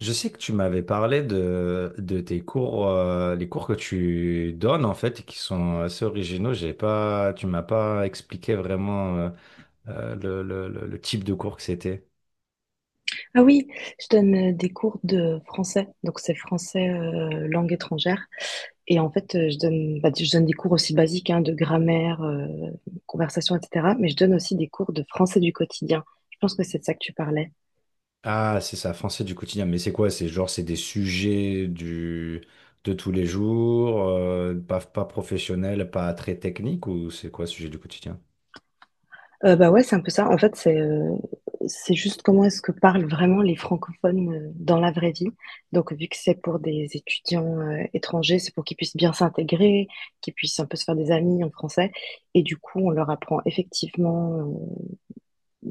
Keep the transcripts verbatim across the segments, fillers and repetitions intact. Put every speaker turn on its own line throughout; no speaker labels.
Je sais que tu m'avais parlé de, de tes cours, euh, les cours que tu donnes en fait, et qui sont assez originaux. J'ai pas, tu m'as pas expliqué vraiment euh, euh, le, le- le- le type de cours que c'était.
Ah oui, je donne euh, des cours de français, donc c'est français euh, langue étrangère. Et en fait, euh, je donne, bah, je donne des cours aussi basiques hein, de grammaire, euh, conversation, et cetera. Mais je donne aussi des cours de français du quotidien. Je pense que c'est de ça que tu parlais.
Ah, c'est ça, français du quotidien. Mais c'est quoi? C'est genre, c'est des sujets du, de tous les jours, euh, pas, pas professionnels, pas très techniques, ou c'est quoi, sujet du quotidien?
Euh, bah ouais, c'est un peu ça. En fait, c'est euh, c'est juste comment est-ce que parlent vraiment les francophones euh, dans la vraie vie. Donc vu que c'est pour des étudiants euh, étrangers, c'est pour qu'ils puissent bien s'intégrer, qu'ils puissent un peu se faire des amis en français. Et du coup, on leur apprend effectivement, euh,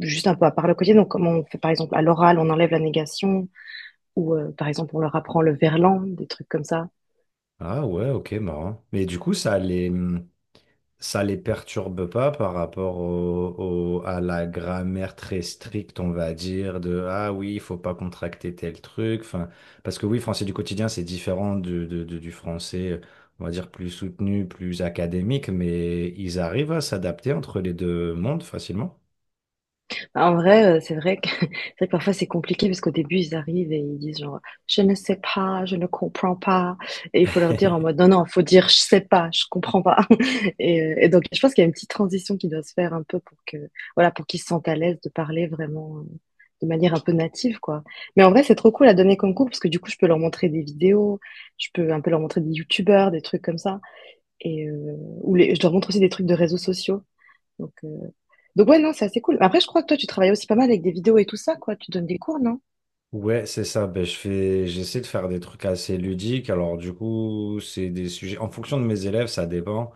juste un peu à part le quotidien. Donc, comment on fait, par exemple, à l'oral, on enlève la négation, ou euh, par exemple, on leur apprend le verlan, des trucs comme ça.
Ah ouais, ok, marrant. Mais du coup, ça allait. Ça les perturbe pas par rapport au, au- à la grammaire très stricte, on va dire, de ah oui, il faut pas contracter tel truc. Enfin, parce que oui, français du quotidien, c'est différent du, de- de- du français, on va dire, plus soutenu, plus académique, mais ils arrivent à s'adapter entre les deux mondes facilement.
Bah, en vrai, heu, c'est vrai que c'est vrai que parfois c'est compliqué parce qu'au début ils arrivent et ils disent genre: «Je ne sais pas, je ne comprends pas» et il faut leur dire en mode: «Non, non, faut dire je sais pas, je comprends pas» et heu et donc je pense qu'il y a une petite transition qui doit se faire un peu pour que voilà, pour qu'ils se sentent à l'aise de parler vraiment, heu, de manière un peu native quoi. Mais en vrai, c'est trop cool à donner comme cours parce que du coup je peux leur montrer des vidéos, je peux un peu leur montrer des youtubeurs, des trucs comme ça et heu, ou les je leur montre aussi des trucs de réseaux sociaux donc heu donc ouais, non, c'est assez cool. Après, je crois que toi, tu travailles aussi pas mal avec des vidéos et tout ça, quoi. Tu donnes des cours, non?
Ouais, c'est ça. Ben, je fais, j'essaie de faire des trucs assez ludiques. Alors, du coup, c'est des sujets. En fonction de mes élèves, ça dépend.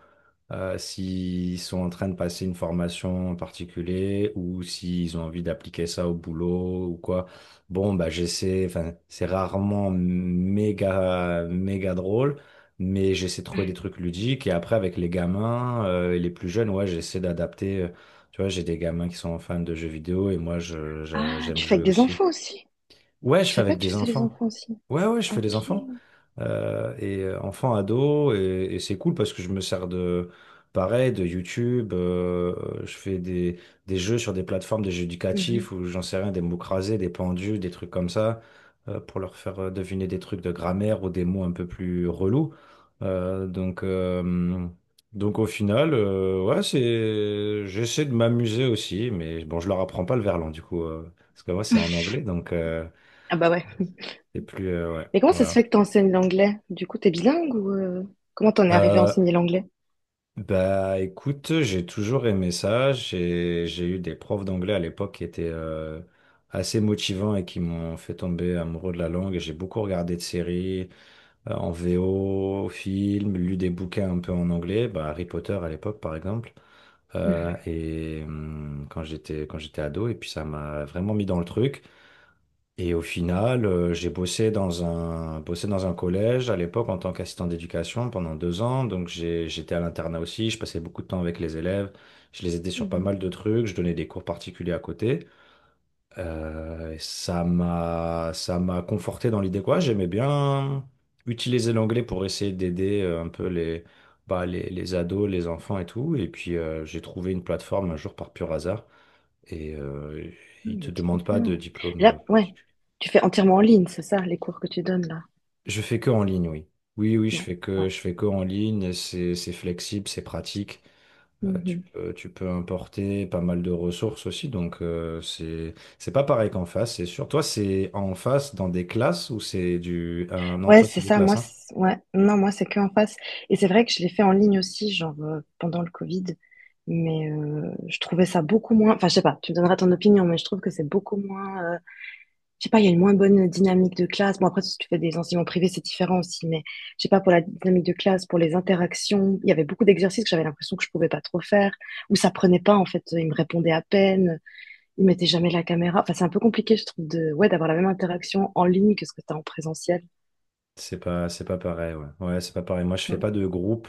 euh, S'ils sont en train de passer une formation en particulier ou s'ils ont envie d'appliquer ça au boulot ou quoi. Bon, bah, j'essaie. Enfin, c'est rarement méga, méga drôle, mais j'essaie de trouver des trucs ludiques. Et après, avec les gamins, euh, et les plus jeunes, ouais, j'essaie d'adapter. euh, Tu vois, j'ai des gamins qui sont fans de jeux vidéo et moi, je, je-
Ah,
j'aime
tu fais
jouer
avec des
aussi.
enfants aussi.
Ouais, je
Je
fais
savais pas
avec
que tu
des
faisais les
enfants.
enfants aussi.
Ouais, ouais, je fais des enfants.
Ok.
Euh, et euh, enfants, ados, et, et c'est cool parce que je me sers de, pareil, de YouTube. Euh, je fais des, des jeux sur des plateformes, des jeux éducatifs
Mhm.
où j'en sais rien, des mots crasés, des pendus, des trucs comme ça, euh, pour leur faire euh, deviner des trucs de grammaire ou des mots un peu plus relous. Euh, donc, euh, donc au final, euh, ouais, c'est, j'essaie de m'amuser aussi, mais bon, je leur apprends pas le verlan du coup, euh, parce que moi c'est en anglais, donc. euh,
Ah bah ouais.
C'est plus. Euh, ouais,
Mais comment ça se fait
voilà.
que t'enseignes l'anglais? Du coup, t'es bilingue ou euh, comment t'en es arrivé à
Euh,
enseigner l'anglais?
Bah écoute, j'ai toujours aimé ça. J'ai, j'ai eu des profs d'anglais à l'époque qui étaient euh, assez motivants et qui m'ont fait tomber amoureux de la langue. Et J'ai beaucoup regardé de séries euh, en V O, films, lu des bouquins un peu en anglais, bah, Harry Potter à l'époque par exemple. Euh,
Mhm.
et hum, quand j'étais quand j'étais ado, et puis ça m'a vraiment mis dans le truc. Et au final, euh, j'ai bossé dans un, bossé dans un collège à l'époque en tant qu'assistant d'éducation pendant deux ans. Donc j'ai- j'étais à l'internat aussi, je passais beaucoup de temps avec les élèves, je les aidais sur pas mal
Mhm.
de trucs, je donnais des cours particuliers à côté. Euh, et ça m'a, ça m'a conforté dans l'idée quoi, j'aimais bien utiliser l'anglais pour essayer d'aider euh, un peu les, bah, les, les ados, les enfants et tout. Et puis euh, j'ai trouvé une plateforme un jour par pur hasard et euh, ils
Mhm,
te
mais trop
demandent pas de
bien. Et
diplôme. euh,
là, ouais.
particulier.
Tu fais entièrement en ligne, c'est ça, les cours que tu donnes là.
Je fais que en ligne, oui. Oui, oui, je
Ouais,
fais que, je fais que en ligne. C'est, c'est flexible, c'est pratique. Euh, tu
ouais.
peux, tu peux importer pas mal de ressources aussi. Donc, euh, c'est, c'est pas pareil qu'en face, c'est sûr. Toi, c'est en face dans des classes ou c'est du. Ah, non,
Ouais,
toi,
c'est
c'est des
ça, moi,
classes,
c-
hein.
ouais, non, moi, c'est que en face. Et c'est vrai que je l'ai fait en ligne aussi, genre euh, pendant le Covid, mais euh, je trouvais ça beaucoup moins. Enfin, je sais pas, tu me donneras ton opinion, mais je trouve que c'est beaucoup moins, euh, je sais pas, il y a une moins bonne dynamique de classe. Bon, après, si tu fais des enseignements privés, c'est différent aussi, mais je sais pas, pour la dynamique de classe, pour les interactions, il y avait beaucoup d'exercices que j'avais l'impression que je pouvais pas trop faire, ou ça prenait pas, en fait, ils me répondaient à peine, ils mettaient jamais la caméra. Enfin, c'est un peu compliqué, je trouve, de, ouais, d'avoir la même interaction en ligne que ce que tu as en présentiel.
C'est pas, c'est pas pareil, ouais. Ouais, c'est pas pareil. Moi, je fais pas de groupe.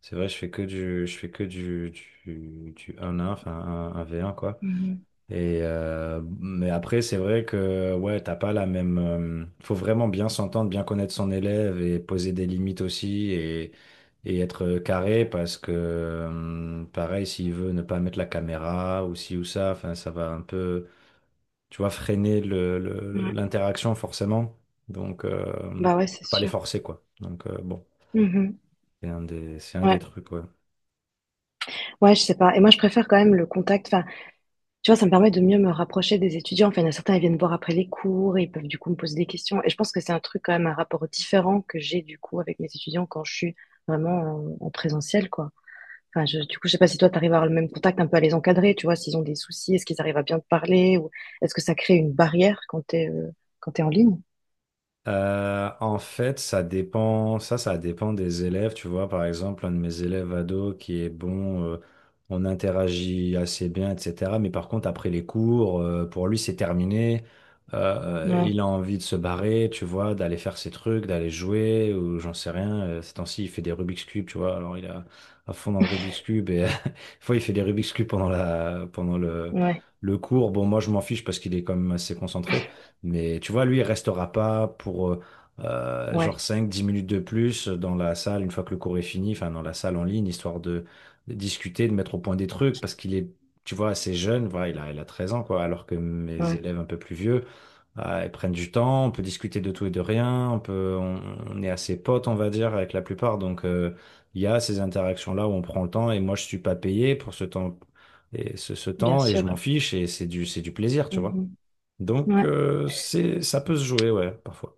C'est vrai, je fais que du, je fais que du, du, du un un, enfin, un un v un quoi.
Mhm.
Et euh, mais après, c'est vrai que ouais, t'as pas la même. Euh, faut vraiment bien s'entendre, bien connaître son élève et poser des limites aussi et, et être carré parce que euh, pareil, s'il veut ne pas mettre la caméra ou ci ou ça, enfin, ça va un peu, tu vois, freiner le, le-
Ouais.
l'interaction forcément. Donc, euh,
Bah, ouais,
tu
c'est
peux pas les
sûr.
forcer quoi. Donc euh, bon,
Mmh.
c'est un des, c'est un des
Ouais.
trucs. Ouais.
Ouais, je sais pas et moi je préfère quand même le contact, enfin, tu vois, ça me permet de mieux me rapprocher des étudiants. Enfin, il y en a certains, ils viennent voir après les cours et ils peuvent du coup me poser des questions et je pense que c'est un truc quand même, un rapport différent que j'ai du coup avec mes étudiants quand je suis vraiment en en présentiel, quoi. Enfin, je du coup, je sais pas si toi tu arrives à avoir le même contact, un peu à les encadrer, tu vois? S'ils ont des soucis, est-ce qu'ils arrivent à bien te parler ou est-ce que ça crée une barrière quand t'es es, quand t'es en ligne?
Euh, en fait, ça dépend, ça, ça dépend des élèves. Tu vois, par exemple, un de mes élèves ados qui est bon, euh, on interagit assez bien, et cetera. Mais par contre, après les cours, euh, pour lui, c'est terminé. Euh,
Ouais,
il a envie de se barrer, tu vois, d'aller faire ses trucs, d'aller jouer, ou j'en sais rien. Euh, Ces temps-ci, il fait des Rubik's Cube, tu vois. Alors, il est à à fond dans le Rubik's Cube et des fois, il fait des Rubik's Cube pendant la, pendant le,
ouais,
le cours. Bon, moi, je m'en fiche parce qu'il est quand même assez concentré. Mais tu vois, lui, il restera pas pour euh, euh,
ouais,
genre cinq, dix minutes de plus dans la salle une fois que le cours est fini, enfin dans la salle en ligne, histoire de, de discuter, de mettre au point des trucs, parce qu'il est, tu vois, assez jeune, voilà, il a, il a treize ans, quoi, alors que mes
ouais,
élèves un peu plus vieux, euh, ils prennent du temps, on peut discuter de tout et de rien, on peut, on, on est assez potes, on va dire, avec la plupart, donc euh, il y a ces interactions-là où on prend le temps, et moi, je suis pas payé pour ce temps, et ce, ce
bien
temps, et je m'en
sûr.
fiche, et c'est du, c'est du plaisir, tu vois.
Mmh.
Donc,
Ouais.
euh, c'est, ça peut se jouer, ouais, parfois.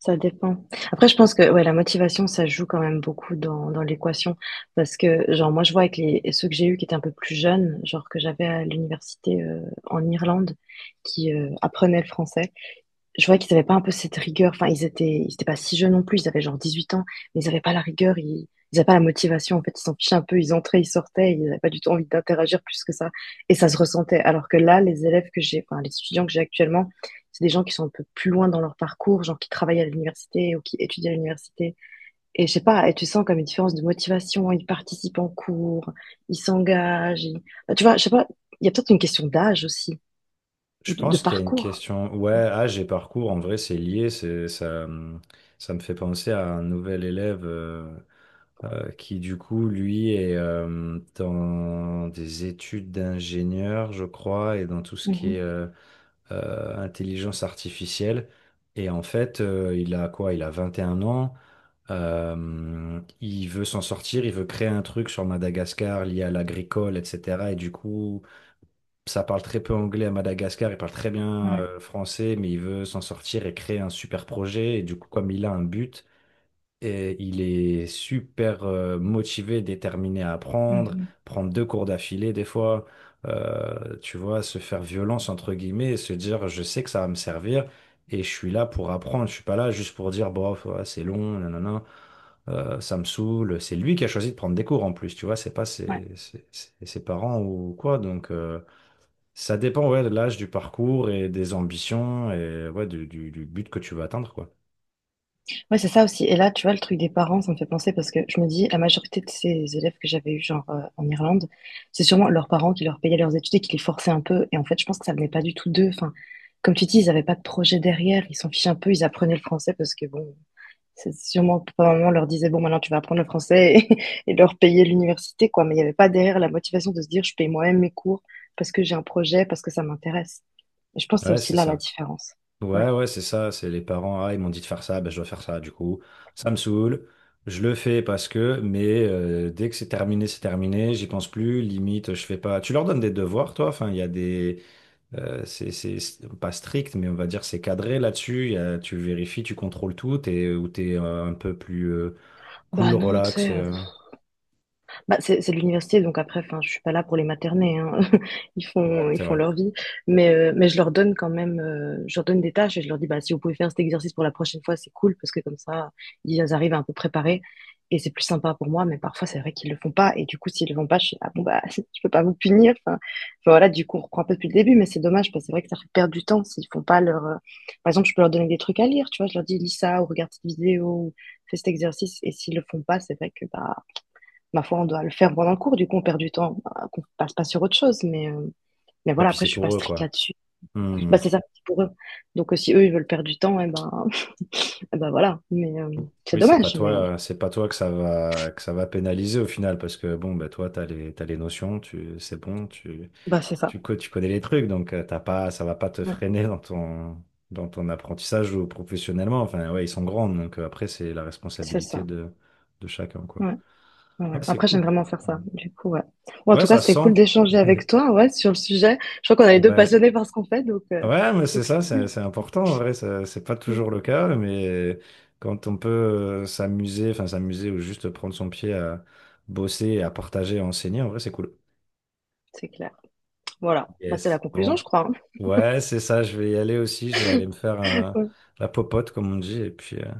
Ça dépend. Après, je pense que ouais, la motivation, ça joue quand même beaucoup dans, dans l'équation. Parce que, genre, moi, je vois avec les, ceux que j'ai eus qui étaient un peu plus jeunes, genre que j'avais à l'université euh, en Irlande, qui euh, apprenaient le français, je voyais qu'ils avaient pas un peu cette rigueur. Enfin, ils étaient, ils étaient pas si jeunes non plus. Ils avaient genre 18 ans, mais ils avaient pas la rigueur. Ils n'avaient pas la motivation. En fait, ils s'en fichaient un peu. Ils entraient, ils sortaient. Ils n'avaient pas du tout envie d'interagir plus que ça. Et ça se ressentait. Alors que là, les élèves que j'ai, enfin, les étudiants que j'ai actuellement, c'est des gens qui sont un peu plus loin dans leur parcours, genre qui travaillent à l'université ou qui étudient à l'université. Et je sais pas, et tu sens comme une différence de motivation. Ils participent en cours, ils s'engagent. ils- Bah, tu vois, je sais pas, il y a peut-être une question d'âge aussi ou
Je
de, de
pense qu'il y a une
parcours.
question. Ouais, âge et parcours, en vrai, c'est lié. C'est, ça, hum, ça me fait penser à un nouvel élève euh, euh, qui, du coup, lui, est euh, dans des études d'ingénieur, je crois, et dans tout ce qui est
Mhm.
euh, euh, intelligence artificielle. Et en fait, euh, il a quoi? Il a vingt et un ans. Euh, il veut s'en sortir, il veut créer un truc sur Madagascar lié à l'agricole, et cetera. Et du coup, ça parle très peu anglais à Madagascar, il parle très bien
Ouais.
euh, français, mais il veut s'en sortir et créer un super projet. Et du coup, comme il a un but, et il est super euh, motivé, déterminé à
Ouais,
apprendre,
ouais.
prendre deux cours d'affilée des fois, euh, tu vois, se faire violence entre guillemets et se dire, je sais que ça va me servir. Et je suis là pour apprendre, je suis pas là juste pour dire, bof, ouais, c'est long, nanana, euh, ça me saoule. C'est lui qui a choisi de prendre des cours en plus, tu vois, c'est pas
Ouais.
ses, ses- ses- ses parents ou quoi, donc euh, ça dépend ouais, de l'âge, du parcours et des ambitions et ouais, du, du- du but que tu veux atteindre, quoi.
Ouais, c'est ça aussi et là, tu vois, le truc des parents, ça me fait penser parce que je me dis la majorité de ces élèves que j'avais eus, genre, heu, en Irlande, c'est sûrement leurs parents qui leur payaient leurs études et qui les forçaient un peu et en fait, je pense que ça venait pas du tout d'eux. Enfin, comme tu dis, ils avaient pas de projet derrière, ils s'en fichaient un peu, ils apprenaient le français parce que bon, c'est sûrement papa, maman leur disait: «Bon, maintenant tu vas apprendre le français» et et leur payer l'université, quoi, mais il y avait pas derrière la motivation de se dire: «Je paye moi-même mes cours parce que j'ai un projet, parce que ça m'intéresse» et je pense que c'est
Ouais,
aussi
c'est
là la
ça.
différence. Ouais.
Ouais, ouais, c'est ça. C'est les parents, ah, ils m'ont dit de faire ça, ben, je dois faire ça, du coup. Ça me saoule. Je le fais parce que, mais euh, dès que c'est terminé, c'est terminé, j'y pense plus, limite, je fais pas. Tu leur donnes des devoirs, toi? Enfin, il y a des. euh, c'est c'est- c'est pas strict, mais on va dire c'est cadré là-dessus. Il y a- tu vérifies, tu contrôles tout, t'es, ou t'es euh, un peu plus euh, cool,
Bah non, tu
relax.
sais,
et, euh,
bah, c'est c'est de l'université, donc après, enfin, je suis pas là pour les materner, hein. Ils
Ouais,
font, ils
c'est
font
vrai.
leur vie. Mais, euh, mais je leur donne quand même, euh, je leur donne des tâches et je leur dis, bah, si vous pouvez faire cet exercice pour la prochaine fois, c'est cool, parce que comme ça, ils arrivent un peu préparés et c'est plus sympa pour moi. Mais parfois, c'est vrai qu'ils le font pas. Et du coup, s'ils le font pas, je suis, ah bon, bah, je peux pas vous punir. Enfin, enfin, voilà, du coup, on reprend un peu depuis le début, mais c'est dommage, parce que c'est vrai que ça fait perdre du temps s'ils font pas leur, euh, par exemple, je peux leur donner des trucs à lire, tu vois, je leur dis, lis ça, ou regarde cette vidéo, ou fais cet exercice. Et s'ils le font pas, c'est vrai que, bah, ma foi, on doit le faire pendant le cours, du coup, on perd du temps, euh, qu'on passe pas sur autre chose. Mais, euh, mais
Et
voilà,
puis
après,
c'est
je suis pas
pour eux,
stricte
quoi.
là-dessus.
Hmm.
Bah, c'est ça pour eux. Donc, euh, si eux, ils veulent perdre du temps, eh ben, eh ben voilà. Mais euh, c'est
Oui, c'est pas
dommage,
toi,
mais
euh, c'est pas toi que ça va que ça va pénaliser au final parce que bon bah toi t'as les t'as les notions, tu c'est bon, tu
bah, c'est ça.
tu co- tu connais les trucs donc euh, t'as pas ça va pas te
Ouais,
freiner dans ton dans ton apprentissage ou professionnellement. Enfin ouais, ils sont grands donc euh, après c'est la
c'est
responsabilité
ça.
de de chacun quoi.
Ouais, ouais, ouais.
Ouais, c'est
Après,
cool.
j'aime vraiment faire ça. Du coup, ouais. Bon, en
Ouais,
tout cas,
ça se
c'était cool d'échanger
sent.
avec toi, ouais, sur le sujet. Je crois qu'on est les deux
Ouais.
passionnés par ce qu'on fait, donc euh,
Ouais, mais c'est
donc
ça,
c'est cool.
c'est c'est important en vrai, ça- c'est pas
Mm.
toujours le cas, mais quand on peut euh, s'amuser, enfin s'amuser ou juste prendre son pied à bosser et à partager à enseigner, en vrai, c'est cool.
C'est clair. Voilà. Bah, c'est la
Yes.
conclusion,
Bon.
je crois, hein.
Ouais, c'est ça, je vais y aller aussi, je vais aller me faire un-
Ouais,
la popote, comme on dit, et puis, euh,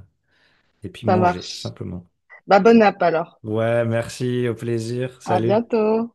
et puis
ça
manger, tout
marche.
simplement.
Bah, bonne app alors.
Ouais, merci, au plaisir,
À
salut.
bientôt.